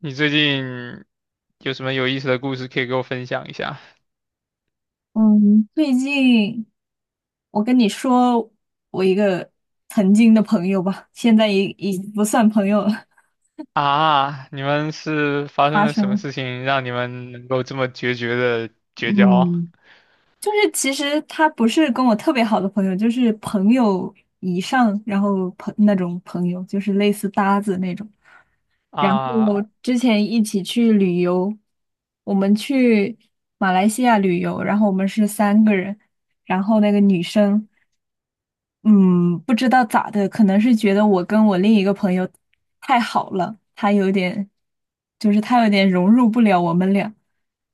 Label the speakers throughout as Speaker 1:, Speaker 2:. Speaker 1: 你最近有什么有意思的故事可以给我分享一下？
Speaker 2: 嗯，最近我跟你说，我一个曾经的朋友吧，现在已不算朋友了，
Speaker 1: 啊，你们是发 生
Speaker 2: 发
Speaker 1: 了
Speaker 2: 生
Speaker 1: 什么
Speaker 2: 了。
Speaker 1: 事情让你们能够这么决绝的绝交？
Speaker 2: 嗯，就是其实他不是跟我特别好的朋友，就是朋友以上，然后那种朋友，就是类似搭子那种。然
Speaker 1: 啊
Speaker 2: 后之前一起去旅游，我们去马来西亚旅游，然后我们是三个人，然后那个女生。嗯，不知道咋的，可能是觉得我跟我另一个朋友太好了，他有点，就是他有点融入不了我们俩，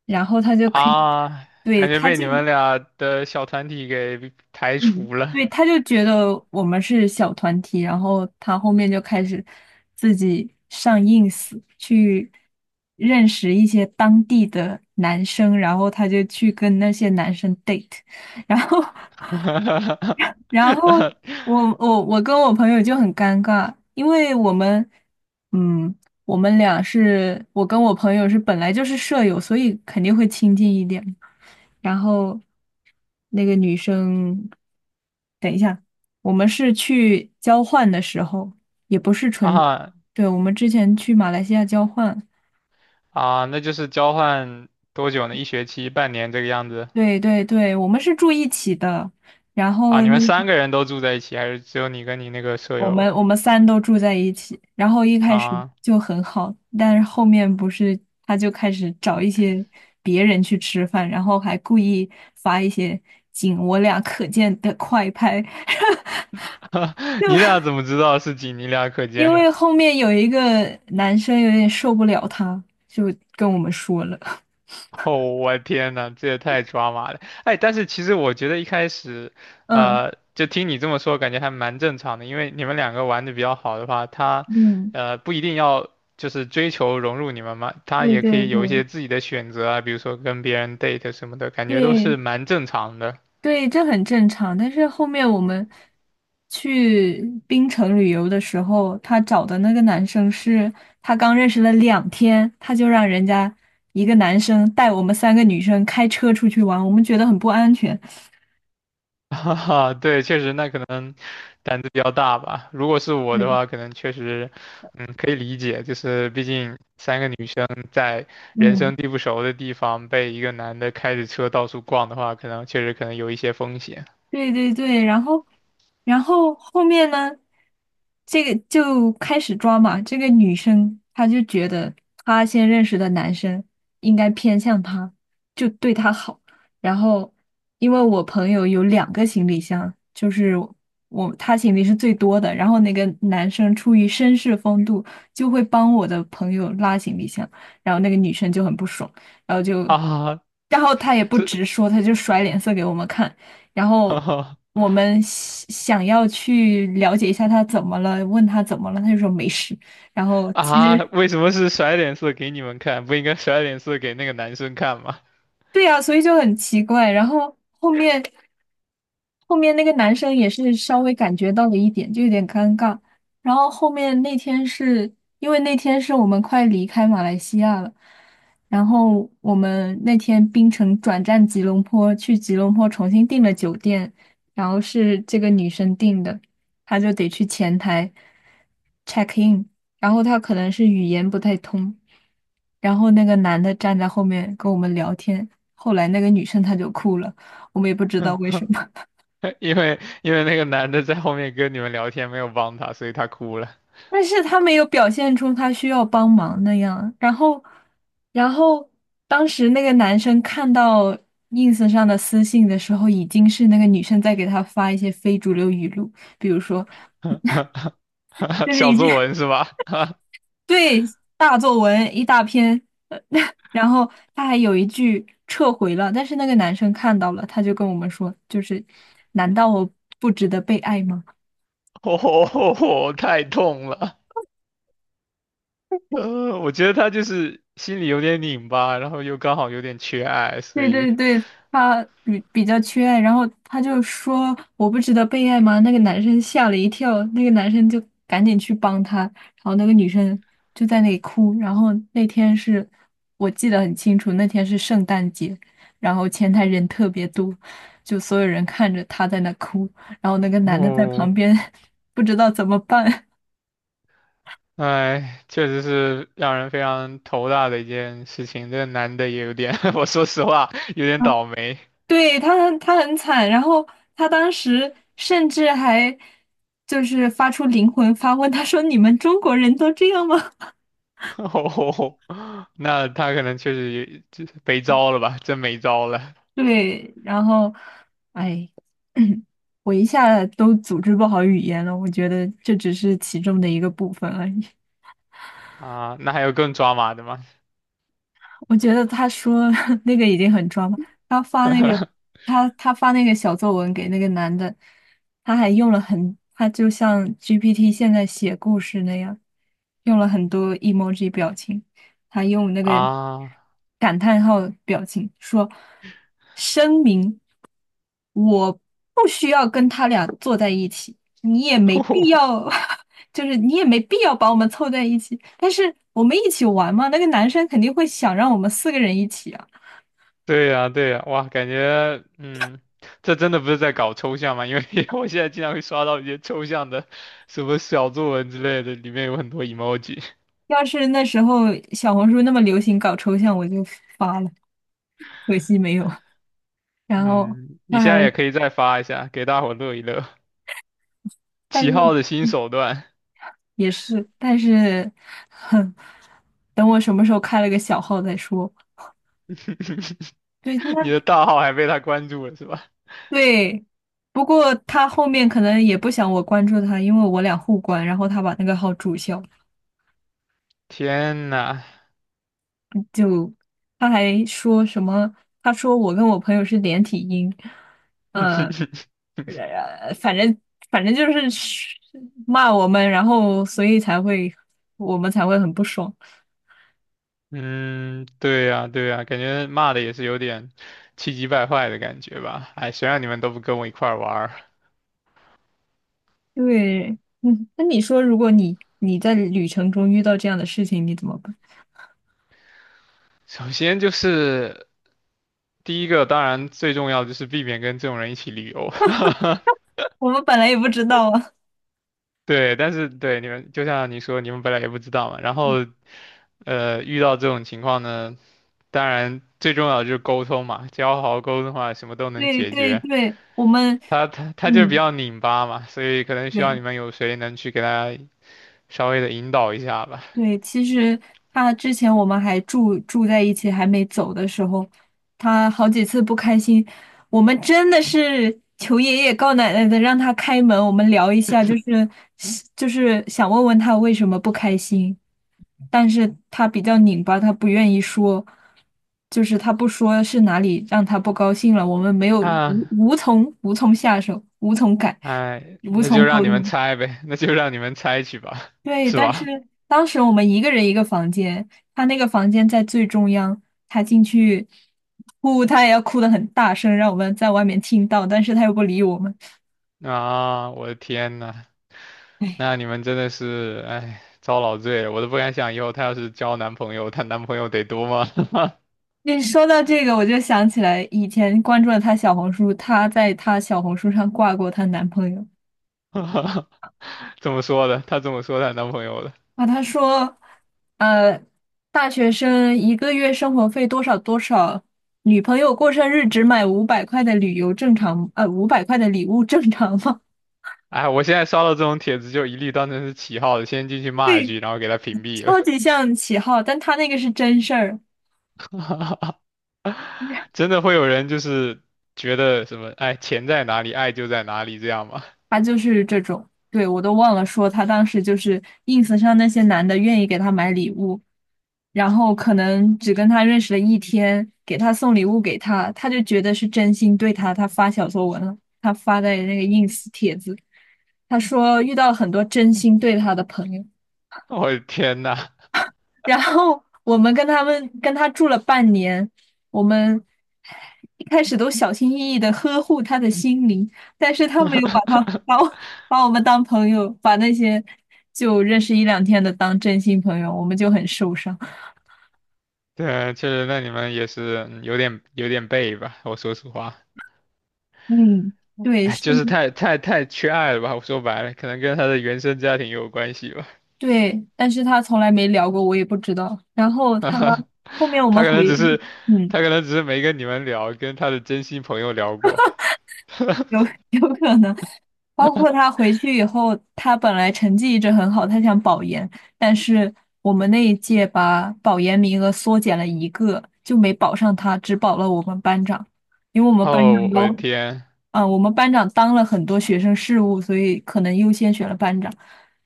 Speaker 2: 然后他就可以，
Speaker 1: 啊，
Speaker 2: 对，
Speaker 1: 感觉
Speaker 2: 他
Speaker 1: 被
Speaker 2: 就，
Speaker 1: 你们俩的小团体给排
Speaker 2: 嗯，
Speaker 1: 除
Speaker 2: 对，
Speaker 1: 了。
Speaker 2: 他就觉得我们是小团体，然后他后面就开始自己上 ins 去认识一些当地的男生，然后他就去跟那些男生 date,然后 然后 我跟我朋友就很尴尬，因为我们，嗯，我们俩是我跟我朋友是本来就是舍友，所以肯定会亲近一点。然后那个女生，等一下，我们是去交换的时候，也不是纯，
Speaker 1: 啊
Speaker 2: 对，我们之前去马来西亚交换，
Speaker 1: 啊，那就是交换多久呢？一学期、半年这个样子？
Speaker 2: 对对对，我们是住一起的。然
Speaker 1: 啊，
Speaker 2: 后
Speaker 1: 你们
Speaker 2: 那
Speaker 1: 三个人都住在一起，还是只有你跟你那个舍友？
Speaker 2: 我们三都住在一起，然后一开始
Speaker 1: 啊，
Speaker 2: 就很好，但是后面不是他就开始找一些别人去吃饭，然后还故意发一些仅我俩可见的快拍，
Speaker 1: 你
Speaker 2: 就
Speaker 1: 俩怎么知道是仅你俩可
Speaker 2: 因
Speaker 1: 见？
Speaker 2: 为后面有一个男生有点受不了他，就跟我们说了，
Speaker 1: 哦，我天呐，这也太抓马了！哎，但是其实我觉得一开始，
Speaker 2: 嗯
Speaker 1: 就听你这么说，感觉还蛮正常的，因为你们两个玩的比较好的话，他，
Speaker 2: 嗯，
Speaker 1: 不一定要就是追求融入你们嘛，他
Speaker 2: 对
Speaker 1: 也可
Speaker 2: 对
Speaker 1: 以有一些
Speaker 2: 对
Speaker 1: 自己的选择啊，比如说跟别人 date 什么的，感觉都是
Speaker 2: 对，
Speaker 1: 蛮正常的。
Speaker 2: 对，这很正常。但是后面我们去槟城旅游的时候，他找的那个男生是他刚认识了两天，他就让人家一个男生带我们三个女生开车出去玩，我们觉得很不安全。
Speaker 1: 哈哈，对，确实，那可能胆子比较大吧。如果是我的
Speaker 2: 对，
Speaker 1: 话，可能确实，嗯，可以理解，就是毕竟三个女生在人生
Speaker 2: 嗯。
Speaker 1: 地不熟的地方被一个男的开着车到处逛的话，可能确实可能有一些风险
Speaker 2: 对对对，然后，然后后面呢，这个就开始抓嘛。这个女生她就觉得她先认识的男生应该偏向她，就对她好。然后，因为我朋友有两个行李箱，就是他行李是最多的。然后那个男生出于绅士风度，就会帮我的朋友拉行李箱，然后那个女生就很不爽，然后 就，
Speaker 1: 啊。
Speaker 2: 然后她也不
Speaker 1: 这，
Speaker 2: 直说，她就甩脸色给我们看。然
Speaker 1: 哈
Speaker 2: 后
Speaker 1: 哈
Speaker 2: 我们想要去了解一下他怎么了，问他怎么了，他就说没事。然后其
Speaker 1: 啊，
Speaker 2: 实
Speaker 1: 为什么是甩脸色给你们看？不应该甩脸色给那个男生看吗？
Speaker 2: 对呀，所以就很奇怪。然后后面那个男生也是稍微感觉到了一点，就有点尴尬。然后后面那天是因为那天是我们快离开马来西亚了，然后我们那天槟城转战吉隆坡，去吉隆坡重新订了酒店，然后是这个女生订的，她就得去前台 check in。然后他可能是语言不太通，然后那个男的站在后面跟我们聊天，后来那个女生她就哭了，我们也不知道为什么，
Speaker 1: 因为那个男的在后面跟你们聊天，没有帮他，所以他哭了。
Speaker 2: 但是他没有表现出他需要帮忙那样，然后，然后当时那个男生看到 ins 上的私信的时候，已经是那个女生在给他发一些非主流语录，比如说，就是
Speaker 1: 小
Speaker 2: 已经。
Speaker 1: 作文是吧？
Speaker 2: 对，大作文一大篇，呃 然后他还有一句撤回了，但是那个男生看到了，他就跟我们说，就是难道我不值得被爱吗？
Speaker 1: 哦，太痛了。我觉得他就是心里有点拧巴，然后又刚好有点缺爱，所
Speaker 2: 对
Speaker 1: 以，
Speaker 2: 对对，他比较缺爱，然后他就说我不值得被爱吗？那个男生吓了一跳，那个男生就赶紧去帮他，然后那个女生就在那里哭。然后那天是我记得很清楚，那天是圣诞节，然后前台人特别多，就所有人看着他在那哭，然后那个男的在
Speaker 1: 哦，
Speaker 2: 旁边 不知道怎么办。
Speaker 1: 哎，确实是让人非常头大的一件事情。这个男的也有点，我说实话，有点 倒霉。
Speaker 2: 对，他很惨，然后他当时甚至还就是发出灵魂发问，他说："你们中国人都这样吗？"
Speaker 1: 哦，那他可能确实也就是没招了吧，真没招了
Speaker 2: 对，然后哎，我一下都组织不好语言了，我觉得这只是其中的一个部分而已。
Speaker 1: 啊。那还有更抓马的吗？
Speaker 2: 我觉得他说 那个已经很装了。他发那个，他发那个小作文给那个男的，他还用了很，他就像 GPT 现在写故事那样，用了很多 emoji 表情，他用那个
Speaker 1: 啊，
Speaker 2: 感叹号表情说："声明，我不需要跟他俩坐在一起，你也没必 要 就是你也没必要把我们凑在一起，但是我们一起玩嘛，那个男生肯定会想让我们四个人一起啊。
Speaker 1: 对呀，对呀，哇，感觉，嗯，这真的不是在搞抽象吗？因为 我现在经常会刷到一些抽象的，什么小作文之类的，里面有很多 emoji。
Speaker 2: 要是那时候小红书那么流行搞抽象，我就发了，可惜没有。然后
Speaker 1: 嗯，你
Speaker 2: 他
Speaker 1: 现在也
Speaker 2: 还，
Speaker 1: 可以再发一下，给大伙乐一乐。
Speaker 2: 但
Speaker 1: 起号
Speaker 2: 是
Speaker 1: 的新
Speaker 2: 嗯
Speaker 1: 手段，
Speaker 2: 也是，但是，哼，等我什么时候开了个小号再说。对，那
Speaker 1: 你的大号还被他关注了是吧？
Speaker 2: 对，不过他后面可能也不想我关注他，因为我俩互关，然后他把那个号注销。
Speaker 1: 天呐，
Speaker 2: 他还说什么？他说我跟我朋友是连体婴，呃，呃反正反正就是骂我们，然后所以才会我们才会很不爽。
Speaker 1: 嗯，对呀，对呀，感觉骂的也是有点气急败坏的感觉吧。哎，谁让你们都不跟我一块儿玩儿
Speaker 2: 对，嗯，那你说，如果你在旅程中遇到这样的事情，你怎么办？
Speaker 1: 首先就是第一个当然最重要的就是避免跟这种人一起旅游，
Speaker 2: 我们本来也不知道啊。
Speaker 1: 对，但是对你们就像你说，你们本来也不知道嘛，然后遇到这种情况呢，当然最重要的就是沟通嘛，只要好好沟通的话，什么都 能
Speaker 2: 对
Speaker 1: 解
Speaker 2: 对
Speaker 1: 决。
Speaker 2: 对，我们，
Speaker 1: 他就是比
Speaker 2: 嗯，
Speaker 1: 较拧巴嘛，所以可能需要你
Speaker 2: 对。
Speaker 1: 们有谁能去给他稍微的引导一下吧。
Speaker 2: 对，其实他之前我们还住在一起，还没走的时候，他好几次不开心，我们真的是求爷爷告奶奶的让他开门，我们聊一下，就是想问问他为什么不开心，但是他比较拧巴，他不愿意说，就是他不说是哪里让他不高兴了，我们没有
Speaker 1: 啊，
Speaker 2: 无从下手，无从改，
Speaker 1: 哎，
Speaker 2: 无
Speaker 1: 那就
Speaker 2: 从
Speaker 1: 让
Speaker 2: 沟
Speaker 1: 你们
Speaker 2: 通。
Speaker 1: 猜呗，那就让你们猜去吧，
Speaker 2: 对，
Speaker 1: 是
Speaker 2: 但是
Speaker 1: 吧？
Speaker 2: 当时我们一个人一个房间，他那个房间在最中央，他进去哭，他也要哭得很大声，让我们在外面听到，但是他又不理我们。
Speaker 1: 啊，我的天呐！那你们真的是，哎，遭老罪了，我都不敢想以后她要是交男朋友，她男朋友得多吗？
Speaker 2: 你说到这个，我就想起来以前关注了她小红书，她在她小红书上挂过她男朋友
Speaker 1: 这么说的，她这么说她男朋友的。
Speaker 2: 啊，她说，呃，大学生一个月生活费多少多少，女朋友过生日只买五百块的旅游正常，呃，五百块的礼物正常吗？
Speaker 1: 哎，我现在刷到这种帖子就一律当成是起号的，先进去 骂一
Speaker 2: 对，
Speaker 1: 句，然后给她屏蔽了。
Speaker 2: 超级像起号，但他那个是真事儿，
Speaker 1: 真的会有人就是觉得什么，哎，钱在哪里，爱就在哪里，这样吗？
Speaker 2: 他就是这种。对，我都忘了说，他当时就是 ins 上那些男的愿意给他买礼物，然后可能只跟他认识了一天，给他送礼物给他，他就觉得是真心对他，他发小作文了，他发在那个 ins 帖子，他说遇到很多真心对他的朋友。
Speaker 1: 我的天呐，
Speaker 2: 然后我们跟他住了半年，我们一开始都小心翼翼的呵护他的心灵，但是他没有把把我们当朋友，把那些就认识一两天的当真心朋友，我们就很受伤。
Speaker 1: 对，确实，那你们也是嗯有点背吧？我说实话，
Speaker 2: 嗯，对，
Speaker 1: 哎，
Speaker 2: 是，
Speaker 1: 就是太太太缺爱了吧？我说白了，可能跟她的原生家庭有关系吧。
Speaker 2: 对，但是他从来没聊过，我也不知道。然后他后面 我
Speaker 1: 他
Speaker 2: 们
Speaker 1: 可能
Speaker 2: 回，
Speaker 1: 只是，
Speaker 2: 嗯，
Speaker 1: 他可能只是没跟你们聊，跟他的真心朋友聊过。
Speaker 2: 有有可能。包括他回去以后，他本来成绩一直很好，他想保研，但是我们那一届把保研名额缩减了一个，就没保上他，只保了我们班长，因为我们班
Speaker 1: 哦，
Speaker 2: 长
Speaker 1: 我的
Speaker 2: 有，
Speaker 1: 天，
Speaker 2: 啊、我们班长当了很多学生事务，所以可能优先选了班长。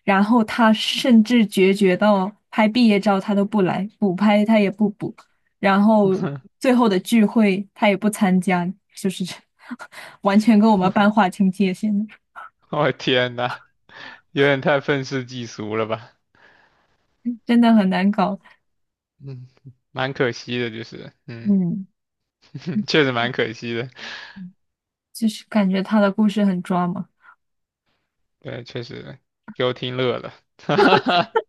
Speaker 2: 然后他甚至决绝到拍毕业照他都不来，补拍他也不补，然后 最后的聚会他也不参加，就是这 完全跟我们班划清界限。
Speaker 1: 我的天呐，有点太愤世嫉俗了吧？
Speaker 2: 真的很难搞。
Speaker 1: 嗯，蛮可惜的，就是，嗯，
Speaker 2: 嗯，
Speaker 1: 确实蛮可惜的。
Speaker 2: 就是感觉他的故事很抓马。
Speaker 1: 对，确实给我听乐了。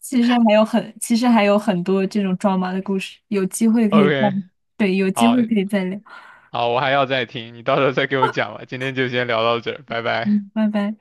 Speaker 2: 其实还有很多这种抓马的故事，有机会可以再，
Speaker 1: OK，
Speaker 2: 对，有机
Speaker 1: 好，
Speaker 2: 会可以再聊。
Speaker 1: 好，我还要再听，你到时候再给我讲吧。今天就先聊到这儿，拜拜。
Speaker 2: 嗯，拜拜。